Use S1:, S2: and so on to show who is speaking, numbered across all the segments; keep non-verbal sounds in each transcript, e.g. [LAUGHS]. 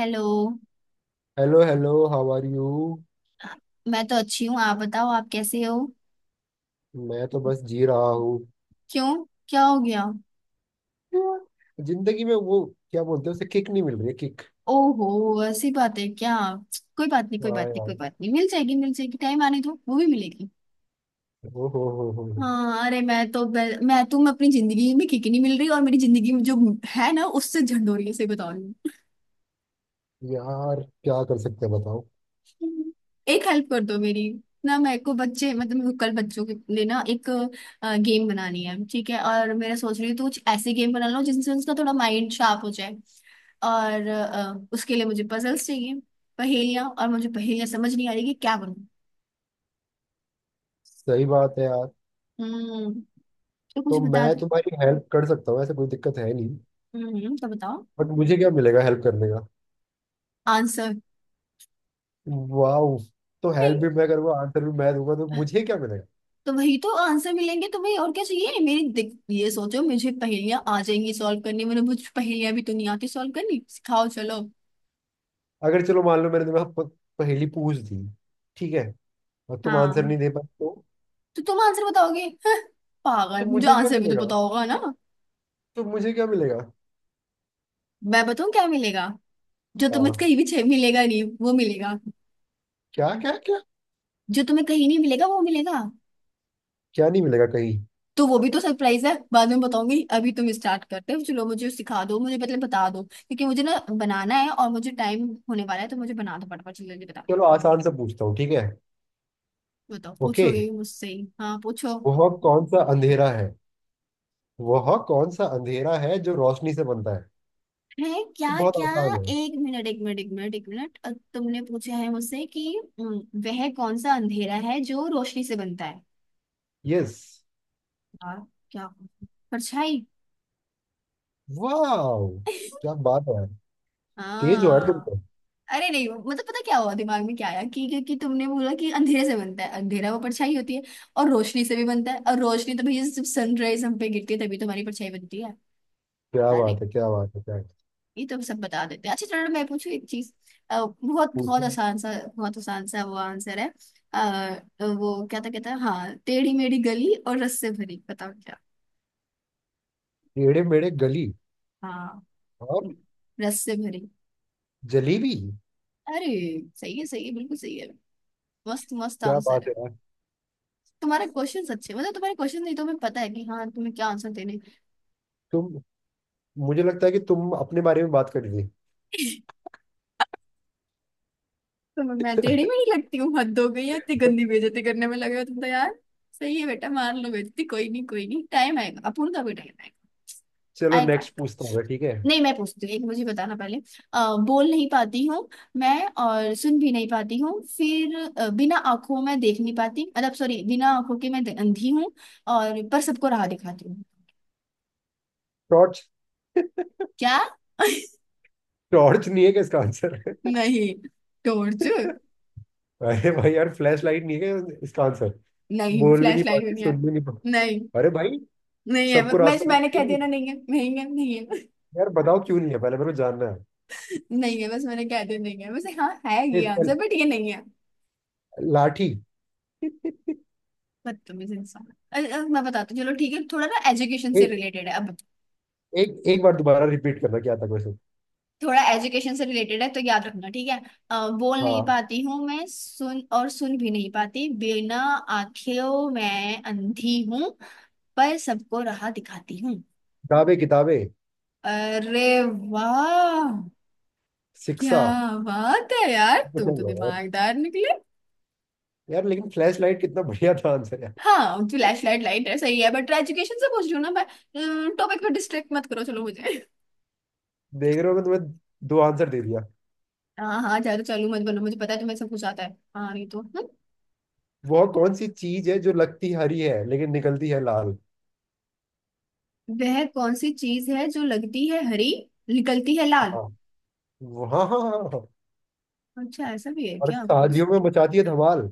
S1: Hello.
S2: Hello hello, how are you?
S1: मैं तो अच्छी हूँ, आप बताओ आप कैसे हो।
S2: मैं तो बस जी रहा हूँ
S1: क्यों, क्या हो गया।
S2: यार। जिंदगी में वो क्या बोलते हैं उसे किक नहीं मिल रही है। किक।
S1: ओहो। ऐसी बात है क्या। कोई बात नहीं कोई बात
S2: हाँ
S1: नहीं कोई
S2: यार।
S1: बात नहीं, मिल जाएगी मिल जाएगी, टाइम आने दो, वो भी मिलेगी।
S2: ओ हो हो।
S1: हाँ अरे मैं तो मैं तुम अपनी जिंदगी में किक नहीं मिल रही, और मेरी जिंदगी में जो है ना उससे झंडोरी है, से बता रही
S2: यार क्या कर सकते हैं बताओ।
S1: हूँ। एक हेल्प कर दो मेरी ना, मेरे को बच्चे मतलब मेरे को कल बच्चों के लिए ना एक गेम बनानी है, ठीक है, और मेरा सोच रही हूँ तो कुछ ऐसे गेम बना लो जिनसे उसका थोड़ा माइंड शार्प हो जाए। और उसके लिए मुझे पजल्स चाहिए, पहेलियां, और मुझे पहेलियां समझ नहीं आ रही कि क्या बनूं।
S2: सही बात है यार।
S1: हम्म, तो कुछ
S2: तो मैं
S1: बता दो।
S2: तुम्हारी हेल्प कर सकता हूँ, ऐसे कोई दिक्कत है नहीं।
S1: हम्म, तो बताओ।
S2: बट मुझे क्या मिलेगा हेल्प करने का?
S1: आंसर।
S2: वाह। तो हेल्प
S1: नहीं,
S2: भी मैं करूँगा, आंसर भी मैं दूंगा, तो मुझे क्या मिलेगा?
S1: तो वही तो आंसर मिलेंगे तो भाई, और क्या चाहिए मेरी ये सोचो, मुझे पहेलियां आ जाएंगी सॉल्व करनी, मैंने मुझे पहेलियां भी तो नहीं आती सॉल्व करनी, सिखाओ चलो।
S2: अगर चलो मान लो मैंने तुम्हें पहेली पूछ दी, ठीक है, और तुम आंसर
S1: हाँ,
S2: नहीं दे पाए
S1: तो तुम आंसर बताओगे। हं, पागल,
S2: तो
S1: मुझे
S2: मुझे क्या
S1: आंसर भी तो
S2: मिलेगा?
S1: पता होगा ना।
S2: तो मुझे क्या मिलेगा?
S1: मैं बताऊं क्या मिलेगा। जो तुम्हें
S2: हाँ।
S1: कहीं भी मिलेगा नहीं वो मिलेगा।
S2: क्या क्या क्या?
S1: जो तुम्हें कहीं नहीं मिलेगा वो मिलेगा।
S2: क्या नहीं मिलेगा कहीं?
S1: तो वो भी तो सरप्राइज है, बाद में बताऊंगी। अभी तुम स्टार्ट करते हो, चलो मुझे सिखा दो, मुझे मतलब बता दो, क्योंकि मुझे ना बनाना है और मुझे टाइम होने वाला है तो मुझे बना दो फटाफट, जल्दी जल्दी बता दो।
S2: चलो आसान से पूछता हूँ, ठीक है।
S1: बताओ,
S2: ओके।
S1: पूछोगे भी मुझसे ही, हाँ पूछो।
S2: वह कौन सा अंधेरा है वह कौन सा अंधेरा है जो रोशनी से बनता है?
S1: है, क्या
S2: बहुत
S1: क्या।
S2: आसान है।
S1: एक मिनट एक मिनट एक मिनट एक मिनट, तुमने पूछा है मुझसे कि अम, वह कौन सा अंधेरा है जो रोशनी से बनता है।
S2: यस।
S1: यार, क्या, परछाई।
S2: वाह, क्या बात है। तेज हो यार तुम
S1: हाँ।
S2: तो।
S1: अरे नहीं, मतलब पता क्या हुआ दिमाग में, क्या आया कि क्योंकि तुमने बोला कि अंधेरे से बनता है अंधेरा, वो परछाई होती है, और रोशनी से भी बनता है, और रोशनी तो भैया जब सनराइज हम पे गिरती है तभी तो हमारी परछाई बनती है।
S2: क्या
S1: अरे,
S2: बात है, क्या बात है, क्या बात है।
S1: ये तो सब बता देते हैं। अच्छा चलो मैं पूछू एक चीज, बहुत बहुत
S2: पूछो।
S1: आसान सा, बहुत आसान सा वो आंसर है। आ, वो क्या था, कहता है हाँ, टेढ़ी मेढ़ी गली और रस से भरी, बताओ क्या।
S2: टेढ़े मेढ़े गली
S1: हाँ,
S2: और
S1: रस से भरी।
S2: जलेबी।
S1: अरे, सही है सही है, बिल्कुल सही है, मस्त मस्त
S2: क्या
S1: आंसर
S2: बात
S1: है।
S2: है यार।
S1: तुम्हारे क्वेश्चंस अच्छे, मतलब तुम्हारे क्वेश्चन नहीं, तो हमें पता है कि हाँ, तुम्हें क्या आंसर देने हैं।
S2: तुम मुझे लगता है कि तुम अपने बारे में बात कर रही थी।
S1: तो मैं टेढ़ी में नहीं लगती हूँ, हद हो गई है, इतनी गंदी बेइज्जती करने में लगे हो तुम तो यार। सही है बेटा, मार लो बेइज्जती, कोई नहीं कोई नहीं, टाइम आएगा, अपूर्ण का भी टाइम आएगा।
S2: चलो
S1: आएगा।
S2: नेक्स्ट पूछता हूँ मैं, ठीक है।
S1: नहीं, मैं पूछती हूँ एक, मुझे बताना पहले, बोल नहीं पाती हूँ मैं, और सुन भी नहीं पाती हूँ फिर, बिना आंखों में देख नहीं पाती, मतलब सॉरी, बिना आंखों के मैं अंधी हूँ, और पर सबको राह दिखाती हूँ।
S2: टॉर्च।
S1: क्या [LAUGHS]
S2: टॉर्च नहीं है क्या इसका आंसर?
S1: नहीं, टोरचू।
S2: अरे भाई यार, फ्लैश लाइट नहीं है क्या इसका आंसर?
S1: नहीं,
S2: बोल भी नहीं
S1: फ्लैश लाइट भी
S2: पाती,
S1: नहीं है।
S2: सुन भी नहीं
S1: नहीं,
S2: पाती। अरे भाई।
S1: नहीं है
S2: सबको
S1: बस,
S2: रास्ता
S1: मैंने
S2: क्यों
S1: कह
S2: नहीं
S1: दिया
S2: है?
S1: ना, नहीं है नहीं है नहीं है।
S2: यार बताओ क्यों नहीं है, पहले मेरे को जानना है।
S1: [LAUGHS] नहीं है, बस मैंने कह दिया, नहीं है, वैसे हाँ है
S2: ए,
S1: ये आंसर बट ये नहीं है।
S2: लाठी। [LAUGHS]
S1: बदतमीज इंसान। अरे, अब मैं बताती हूँ, चलो ठीक है, थोड़ा ना एजुकेशन से
S2: एक
S1: रिलेटेड है अब,
S2: एक एक बार दोबारा रिपीट करना, क्या था क्वेश्चन?
S1: थोड़ा एजुकेशन से रिलेटेड है तो याद रखना ठीक है। बोल नहीं
S2: हाँ।
S1: पाती हूँ मैं सुन, और सुन भी नहीं पाती, बिना आंखों, मैं अंधी हूँ, पर सबको राह दिखाती हूँ।
S2: किताबें किताबें।
S1: अरे वाह, क्या
S2: शिक्षा।
S1: बात है यार,
S2: कुछ
S1: तुम तो
S2: नहीं होगा यार।
S1: दिमागदार निकले।
S2: यार लेकिन फ्लैश लाइट कितना बढ़िया था आंसर यार।
S1: हाँ फ्लैश लाइट, लाइट है सही है, बट एजुकेशन से पूछ रही हूँ ना मैं, टॉपिक पे डिस्ट्रैक्ट मत करो, चलो मुझे।
S2: देख रहे हो मैं तुम्हें दो आंसर दे दिया।
S1: हाँ हाँ, ज्यादा चालू मत बनो, मुझे पता है तुम्हें सब कुछ आता है, हाँ नहीं तो
S2: वह कौन सी चीज है जो लगती हरी है लेकिन निकलती है लाल?
S1: वह कौन सी चीज है जो लगती है हरी, निकलती है लाल।
S2: हाँ, हाँ, हाँ, हाँ, हाँ।
S1: अच्छा, ऐसा भी है
S2: और
S1: क्या कुछ।
S2: शादियों में मचाती है धमाल।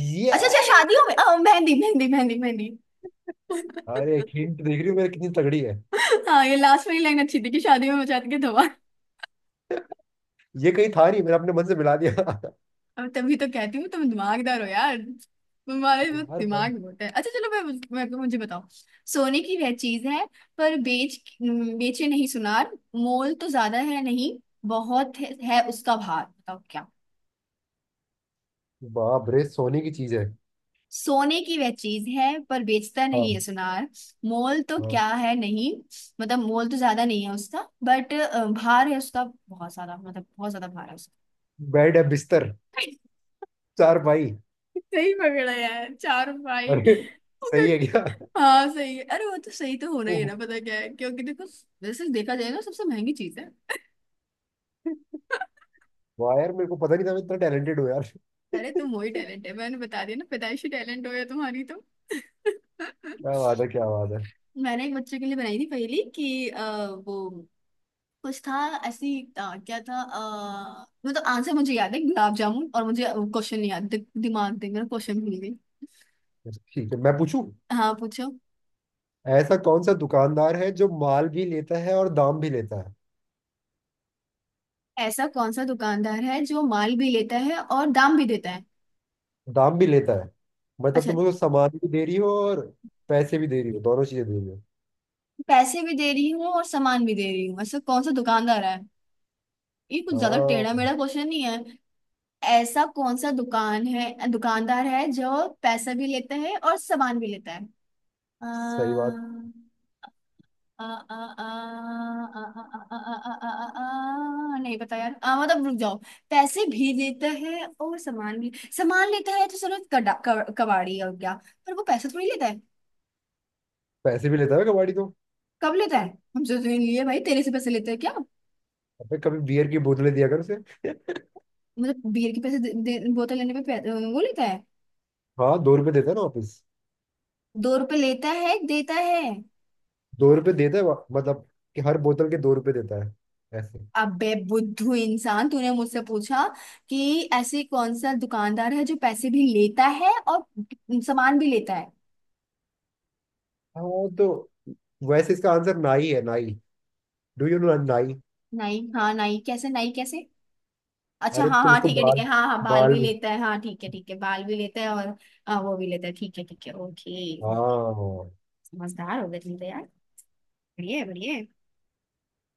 S2: ये।
S1: अच्छा अच्छा, शादियों में मेहंदी मेहंदी मेहंदी मेहंदी
S2: अरे एक
S1: [LAUGHS]
S2: हिंट देख रही हूँ मेरी कितनी तगड़ी है।
S1: हाँ, ये लास्ट वाली लाइन अच्छी थी कि शादियों में मचाती के धोआ।
S2: ये कहीं था नहीं, मैंने अपने मन से मिला दिया। [LAUGHS]
S1: अब तभी तो कहती हूँ तुम दिमागदार हो यार, तुम्हारे में
S2: यार मैं।
S1: दिमाग बहुत है। अच्छा चलो मैं मुझे बताओ। सोने की वह चीज है, पर बेचे नहीं सुनार, मोल तो ज्यादा है नहीं, बहुत है उसका भार, बताओ क्या।
S2: बाप रे, सोने की चीज है।
S1: सोने की वह चीज है पर बेचता नहीं है
S2: हाँ।
S1: सुनार। मोल तो
S2: हाँ।
S1: क्या है नहीं, मतलब मोल तो ज्यादा नहीं है उसका, बट भार है उसका बहुत ज्यादा, मतलब बहुत ज्यादा भार है उसका।
S2: बेड है, बिस्तर। चार भाई।
S1: सही पकड़ा यार, चार भाई।
S2: अरे।
S1: ओके।
S2: सही है क्या?
S1: हाँ सही है, अरे वो तो सही तो होना ही है
S2: ओह।
S1: ना, पता क्या है, क्योंकि देखो वैसे देखा जाए ना सबसे महंगी चीज है।
S2: वाह यार, मेरे को पता नहीं था मैं इतना टैलेंटेड हूँ यार। [LAUGHS]
S1: अरे तुम वही
S2: क्या
S1: टैलेंट है, मैंने बता दिया ना, पैदाइशी टैलेंट हो गया तुम्हारी तो। [LAUGHS]
S2: बात है, क्या बात है।
S1: मैंने एक बच्चे के लिए बनाई थी पहली, कि वो कुछ था, ऐसी क्या था, मतलब आंसर मुझे याद है, गुलाब जामुन, और मुझे क्वेश्चन नहीं याद, दिमाग दे मेरा, क्वेश्चन भूल गई।
S2: ठीक है, मैं पूछूं।
S1: हाँ पूछो।
S2: ऐसा कौन सा दुकानदार है जो माल भी लेता है और दाम भी लेता है?
S1: ऐसा कौन सा दुकानदार है जो माल भी लेता है और दाम भी देता है।
S2: दाम भी लेता है। मतलब
S1: अच्छा,
S2: तुम उसको सामान भी दे रही हो और पैसे भी दे रही हो, दोनों चीजें दे रही हो।
S1: पैसे भी दे रही हूँ और सामान भी दे रही हूँ, ऐसा कौन सा दुकानदार है, ये कुछ ज्यादा टेढ़ा
S2: हाँ।
S1: मेढ़ा क्वेश्चन नहीं है। ऐसा कौन सा दुकानदार है जो पैसा भी लेता है और सामान भी लेता है।
S2: सही
S1: आ,
S2: बात।
S1: आ, आ, आ, आ, आ, आ, नहीं पता यार, मतलब रुक जाओ। पैसे भी लेता है और सामान भी, सामान लेता है, तो चलो, कड़ा कबाड़ी, और क्या, पर वो पैसा थोड़ी लेता है,
S2: पैसे भी लेता है कबाड़ी तो।
S1: कब लेता है, हमसे तो नहीं लिए भाई, तेरे से पैसे लेते हैं क्या।
S2: अबे कभी बियर की बोतलें दिया कर उसे।
S1: मतलब बियर के पैसे दे, दे, बोतल लेने पे वो लेता है।
S2: हाँ, 2 रुपए देता है ना वापिस।
S1: दो रुपए लेता है, देता है।
S2: दो रुपए देता है मतलब कि हर बोतल के 2 रुपए देता है। ऐसे।
S1: अबे बुद्धू इंसान, तूने मुझसे पूछा कि ऐसी कौन सा दुकानदार है जो पैसे भी लेता है और सामान भी लेता है।
S2: हाँ तो। वैसे इसका आंसर नाई है, नाई। डू यू नो नाई?
S1: नहीं, हाँ, नहीं कैसे, नहीं कैसे। अच्छा
S2: अरे
S1: हाँ
S2: तुम
S1: हाँ
S2: उसको
S1: ठीक है ठीक
S2: बाल,
S1: है, हाँ हाँ बाल
S2: बाल
S1: भी
S2: भी।
S1: लेता है, हाँ ठीक है ठीक है, बाल भी लेता है और। हाँ, वो भी लेता है, ठीक है ठीक है ओके।
S2: हाँ
S1: समझदार हो गए तुम तो यार, बढ़िया है, बढ़िया है।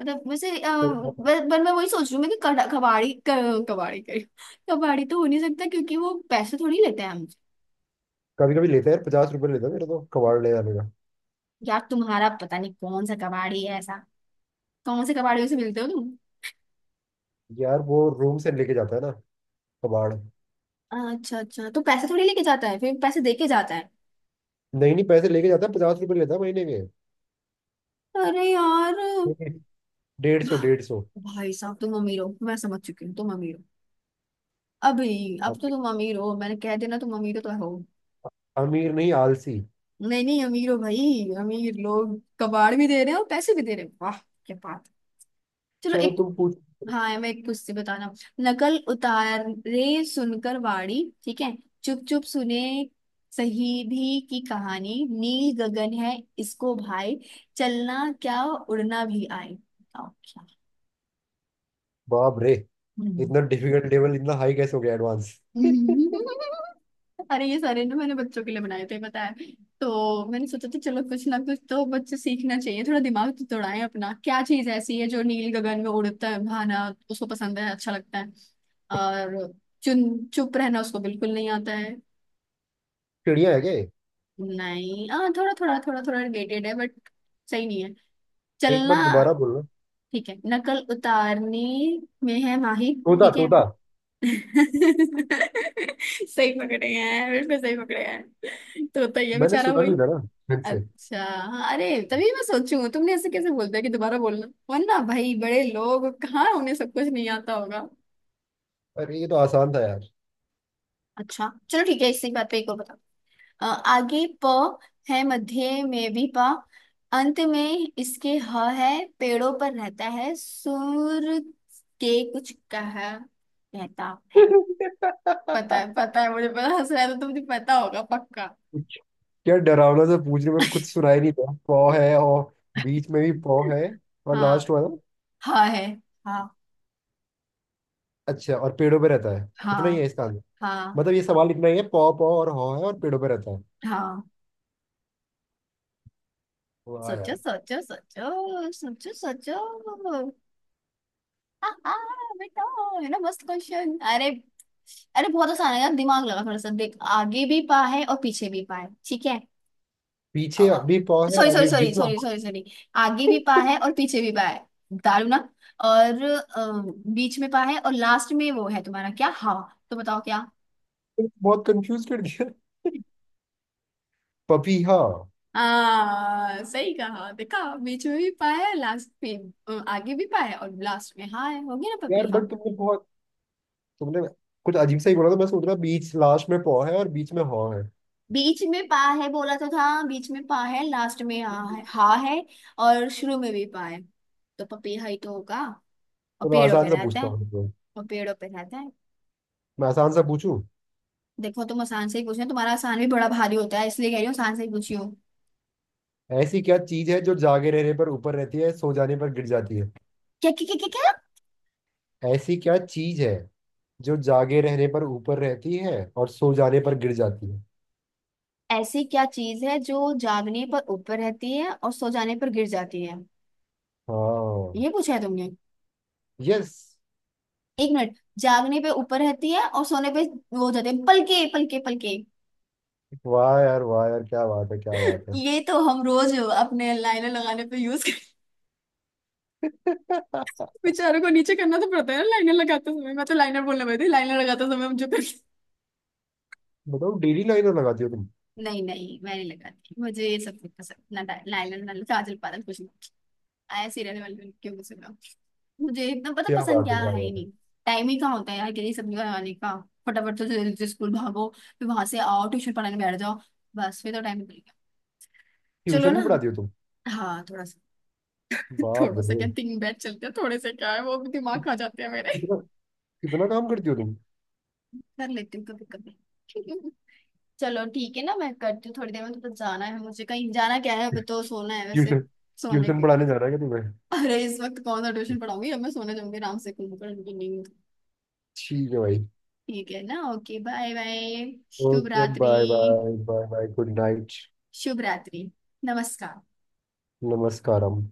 S1: मतलब वैसे
S2: तो।
S1: पर मैं वही सोच रही हूँ मैं कि कबाड़ी कबाड़ी करी। कबाड़ी तो हो नहीं सकता क्योंकि वो पैसे थोड़ी लेते हैं हमसे।
S2: कभी कभी लेता है यार, 50 रुपए लेता है मेरे तो कबाड़ ले जाने का।
S1: यार, तुम्हारा पता नहीं कौन सा कबाड़ी है ऐसा, कौन से कबाड़ियों से मिलते हो तुम।
S2: यार वो रूम से लेके जाता है ना कबाड़।
S1: अच्छा अच्छा, तो पैसे थोड़ी लेके जाता है फिर पैसे दे के जाता है।
S2: नहीं नहीं, पैसे लेके जाता है, 50 रुपए लेता है महीने के।
S1: अरे यार।
S2: [LAUGHS] 150, 150।
S1: भाई साहब, तुम अमीर हो, मैं समझ चुकी हूँ, तुम अमीर हो, अभी अब
S2: अब
S1: तो तुम अमीर हो, मैंने कह देना, तुम अमीर हो तो हो।
S2: अमीर नहीं, आलसी।
S1: नहीं नहीं, अमीर हो भाई, अमीर लोग कबाड़ भी दे रहे हैं और पैसे भी दे रहे हैं, वाह क्या बात। चलो
S2: चलो
S1: एक।
S2: तुम पूछ।
S1: हाँ, मैं एक पूछती, बताना। नकल उतारे सुनकर वाणी, ठीक है, चुप चुप सुने, सही भी की कहानी, नील गगन है इसको भाई चलना, क्या उड़ना भी आए, बताओ
S2: बाप रे, इतना
S1: क्या।
S2: डिफिकल्ट लेवल इतना हाई कैसे हो गया, एडवांस। [LAUGHS] चिड़िया।
S1: अरे, ये सारे ना मैंने बच्चों के लिए बनाए थे, पता है। तो मैंने सोचा था चलो कुछ ना कुछ तो बच्चे सीखना चाहिए, थोड़ा दिमाग तो दौड़ाएं अपना, क्या चीज ऐसी है जो नील गगन में उड़ता है, भाना उसको पसंद है, अच्छा लगता है, और चुन चुप रहना उसको बिल्कुल नहीं आता है।
S2: है क्या ये?
S1: नहीं, हाँ, थोड़ा थोड़ा थोड़ा थोड़ा रिलेटेड है बट सही नहीं है,
S2: एक
S1: चलना।
S2: बार दोबारा बोलना।
S1: ठीक है, नकल उतारने में है माहिर,
S2: तोता,
S1: ठीक है।
S2: तोता।
S1: [LAUGHS] सही पकड़े हैं, बिल्कुल सही पकड़े हैं, तो होता ही है
S2: मैंने
S1: बेचारा
S2: सुना
S1: वही।
S2: नहीं था ना ढंग से।
S1: अच्छा, अरे तभी मैं सोचूं तुमने ऐसे कैसे बोल दिया कि दोबारा बोलना, वरना भाई बड़े लोग कहाँ, उन्हें सब कुछ नहीं आता होगा।
S2: अरे ये तो आसान था यार।
S1: अच्छा चलो ठीक है, इसी बात पे एक और बताओ, आगे प है, मध्य में भी प, अंत में इसके ह है, पेड़ों पर रहता है, सूर के कुछ कह रहता है। पता है
S2: [LAUGHS]
S1: पता है, मुझे पता, हंस रहा है तो तुमने पता होगा पक्का।
S2: कुछ- क्या डरावना सा पूछ रहे हो, पर कुछ सुनाई नहीं था। पौ है और बीच में भी पौ है और
S1: हाँ
S2: लास्ट वाला?
S1: हाँ है, हाँ
S2: अच्छा, और पेड़ों पे रहता है, इतना ही है
S1: हाँ
S2: इसका आंसर?
S1: हाँ
S2: मतलब ये सवाल इतना ही है, पौ पौ और हौ है और पेड़ों पे रहता है।
S1: हाँ।
S2: वाह
S1: सोचो
S2: यार।
S1: सोचो सोचो सोचो सोचो, हाँ हाँ बेटा, है ना मस्त क्वेश्चन। अरे अरे बहुत आसान है यार, दिमाग लगा थोड़ा सा, देख आगे भी पा है और पीछे भी पा है, ठीक है।
S2: पीछे अभी पौ है और
S1: सॉरी सॉरी
S2: आगे
S1: सॉरी
S2: बीच में [LAUGHS]
S1: सॉरी
S2: हा।
S1: सॉरी सॉरी, आगे भी पा है और पीछे भी पा है, दारू ना, और बीच में पा है और लास्ट में वो है तुम्हारा क्या, हवा, तो बताओ क्या।
S2: तुमने बहुत कंफ्यूज कर दिया। पपीहा।
S1: हाँ सही कहा देखा, बीच में भी पा है लास्ट पे, आगे भी पा है और लास्ट में हाँ है, हो गया ना पपी
S2: यार बट
S1: हाँ।
S2: तुमने बहुत, तुमने कुछ अजीब सा ही बोला था, मैं सोच रहा बीच लास्ट में पौ है और बीच में हॉ है।
S1: बीच में पा है बोला तो था, बीच में पा है लास्ट में हा है हा है, और शुरू में भी पा है, तो पपीहा ही तो होगा, और
S2: चलो
S1: पेड़ों
S2: आसान
S1: पे
S2: सा
S1: रहता
S2: पूछता
S1: है।
S2: हूँ तुमको।
S1: और पेड़ों पे रहता है।
S2: मैं आसान सा पूछूं।
S1: देखो तुम आसान से ही पूछ रहे हो, तुम्हारा आसान भी बड़ा भारी होता है, इसलिए कह रही हूँ आसान से ही पूछी हूँ।
S2: ऐसी क्या चीज है जो जागे रहने पर ऊपर रहती है, सो जाने पर गिर जाती है?
S1: क्या क्या क्या क्या
S2: ऐसी क्या चीज है जो जागे रहने पर ऊपर रहती है और सो जाने पर गिर जाती है?
S1: क्या, ऐसी क्या चीज है जो जागने पर ऊपर रहती है और सो जाने पर गिर जाती है।
S2: हाँ।
S1: ये पूछा है तुमने।
S2: यस।
S1: एक मिनट, जागने पे ऊपर रहती है और सोने पे, वो हो जाते हैं, पलके पलके पलके।
S2: वाह यार, वाह यार, क्या बात है, क्या बात
S1: ये तो हम रोज अपने लाइनर लगाने पे यूज करते हैं।
S2: है। [LAUGHS]
S1: बेचारों [LAUGHS] को नीचे करना तो पड़ता है ना लाइनर लगाते समय, मैं तो लाइनर बोलने वाली थी, लाइनर लगाते समय मुझे फिर।
S2: बताओ, डेली लाइनर लगाती हो तुम?
S1: [LAUGHS] नहीं नहीं, मैं नहीं लगाती, मुझे ये सब नहीं पसंद ना, लाइनर ना काजल पाजल कुछ नहीं आया, सीरियल वाले क्यों पसंद हो। मुझे एकदम पता,
S2: क्या
S1: पसंद
S2: बात है,
S1: क्या
S2: क्या
S1: है ही
S2: बात है।
S1: नहीं, टाइम ही कहाँ होता है यार के लिए सब लगाने का, फटाफट तो जल्दी से स्कूल भागो, फिर वहां से आओ ट्यूशन पढ़ाने बैठ जाओ, बस फिर तो टाइम निकल गया। चलो
S2: ट्यूशन
S1: ना,
S2: भी पढ़ाती हो तुम?
S1: हाँ थोड़ा सा। [LAUGHS]
S2: बाप
S1: थोड़ा सा
S2: रे।
S1: क्या, 3 बैच चलते हैं, थोड़े से क्या है वो भी दिमाग खा जाते हैं मेरे।
S2: कितना कितना काम करती हो तुम।
S1: कर लेती हूँ कभी कभी, [LAUGHS] चलो ठीक है ना, मैं करती हूँ थोड़ी देर में, तो बस जाना है मुझे, कहीं जाना क्या है, अब तो सोना है वैसे,
S2: ट्यूशन।
S1: सोने
S2: ट्यूशन
S1: के।
S2: पढ़ाने जाना है क्या तुम्हें?
S1: अरे इस वक्त कौन सा ट्यूशन पढ़ाऊंगी, अब मैं सोने जाऊंगी, आराम से कुछ पढ़ूंगी नहीं,
S2: ठीक है भाई।
S1: ठीक है ना, ओके बाय बाय, शुभ
S2: ओके
S1: रात्रि,
S2: bye bye, bye bye, good night.
S1: शुभ रात्रि, नमस्कार।
S2: नमस्कारम।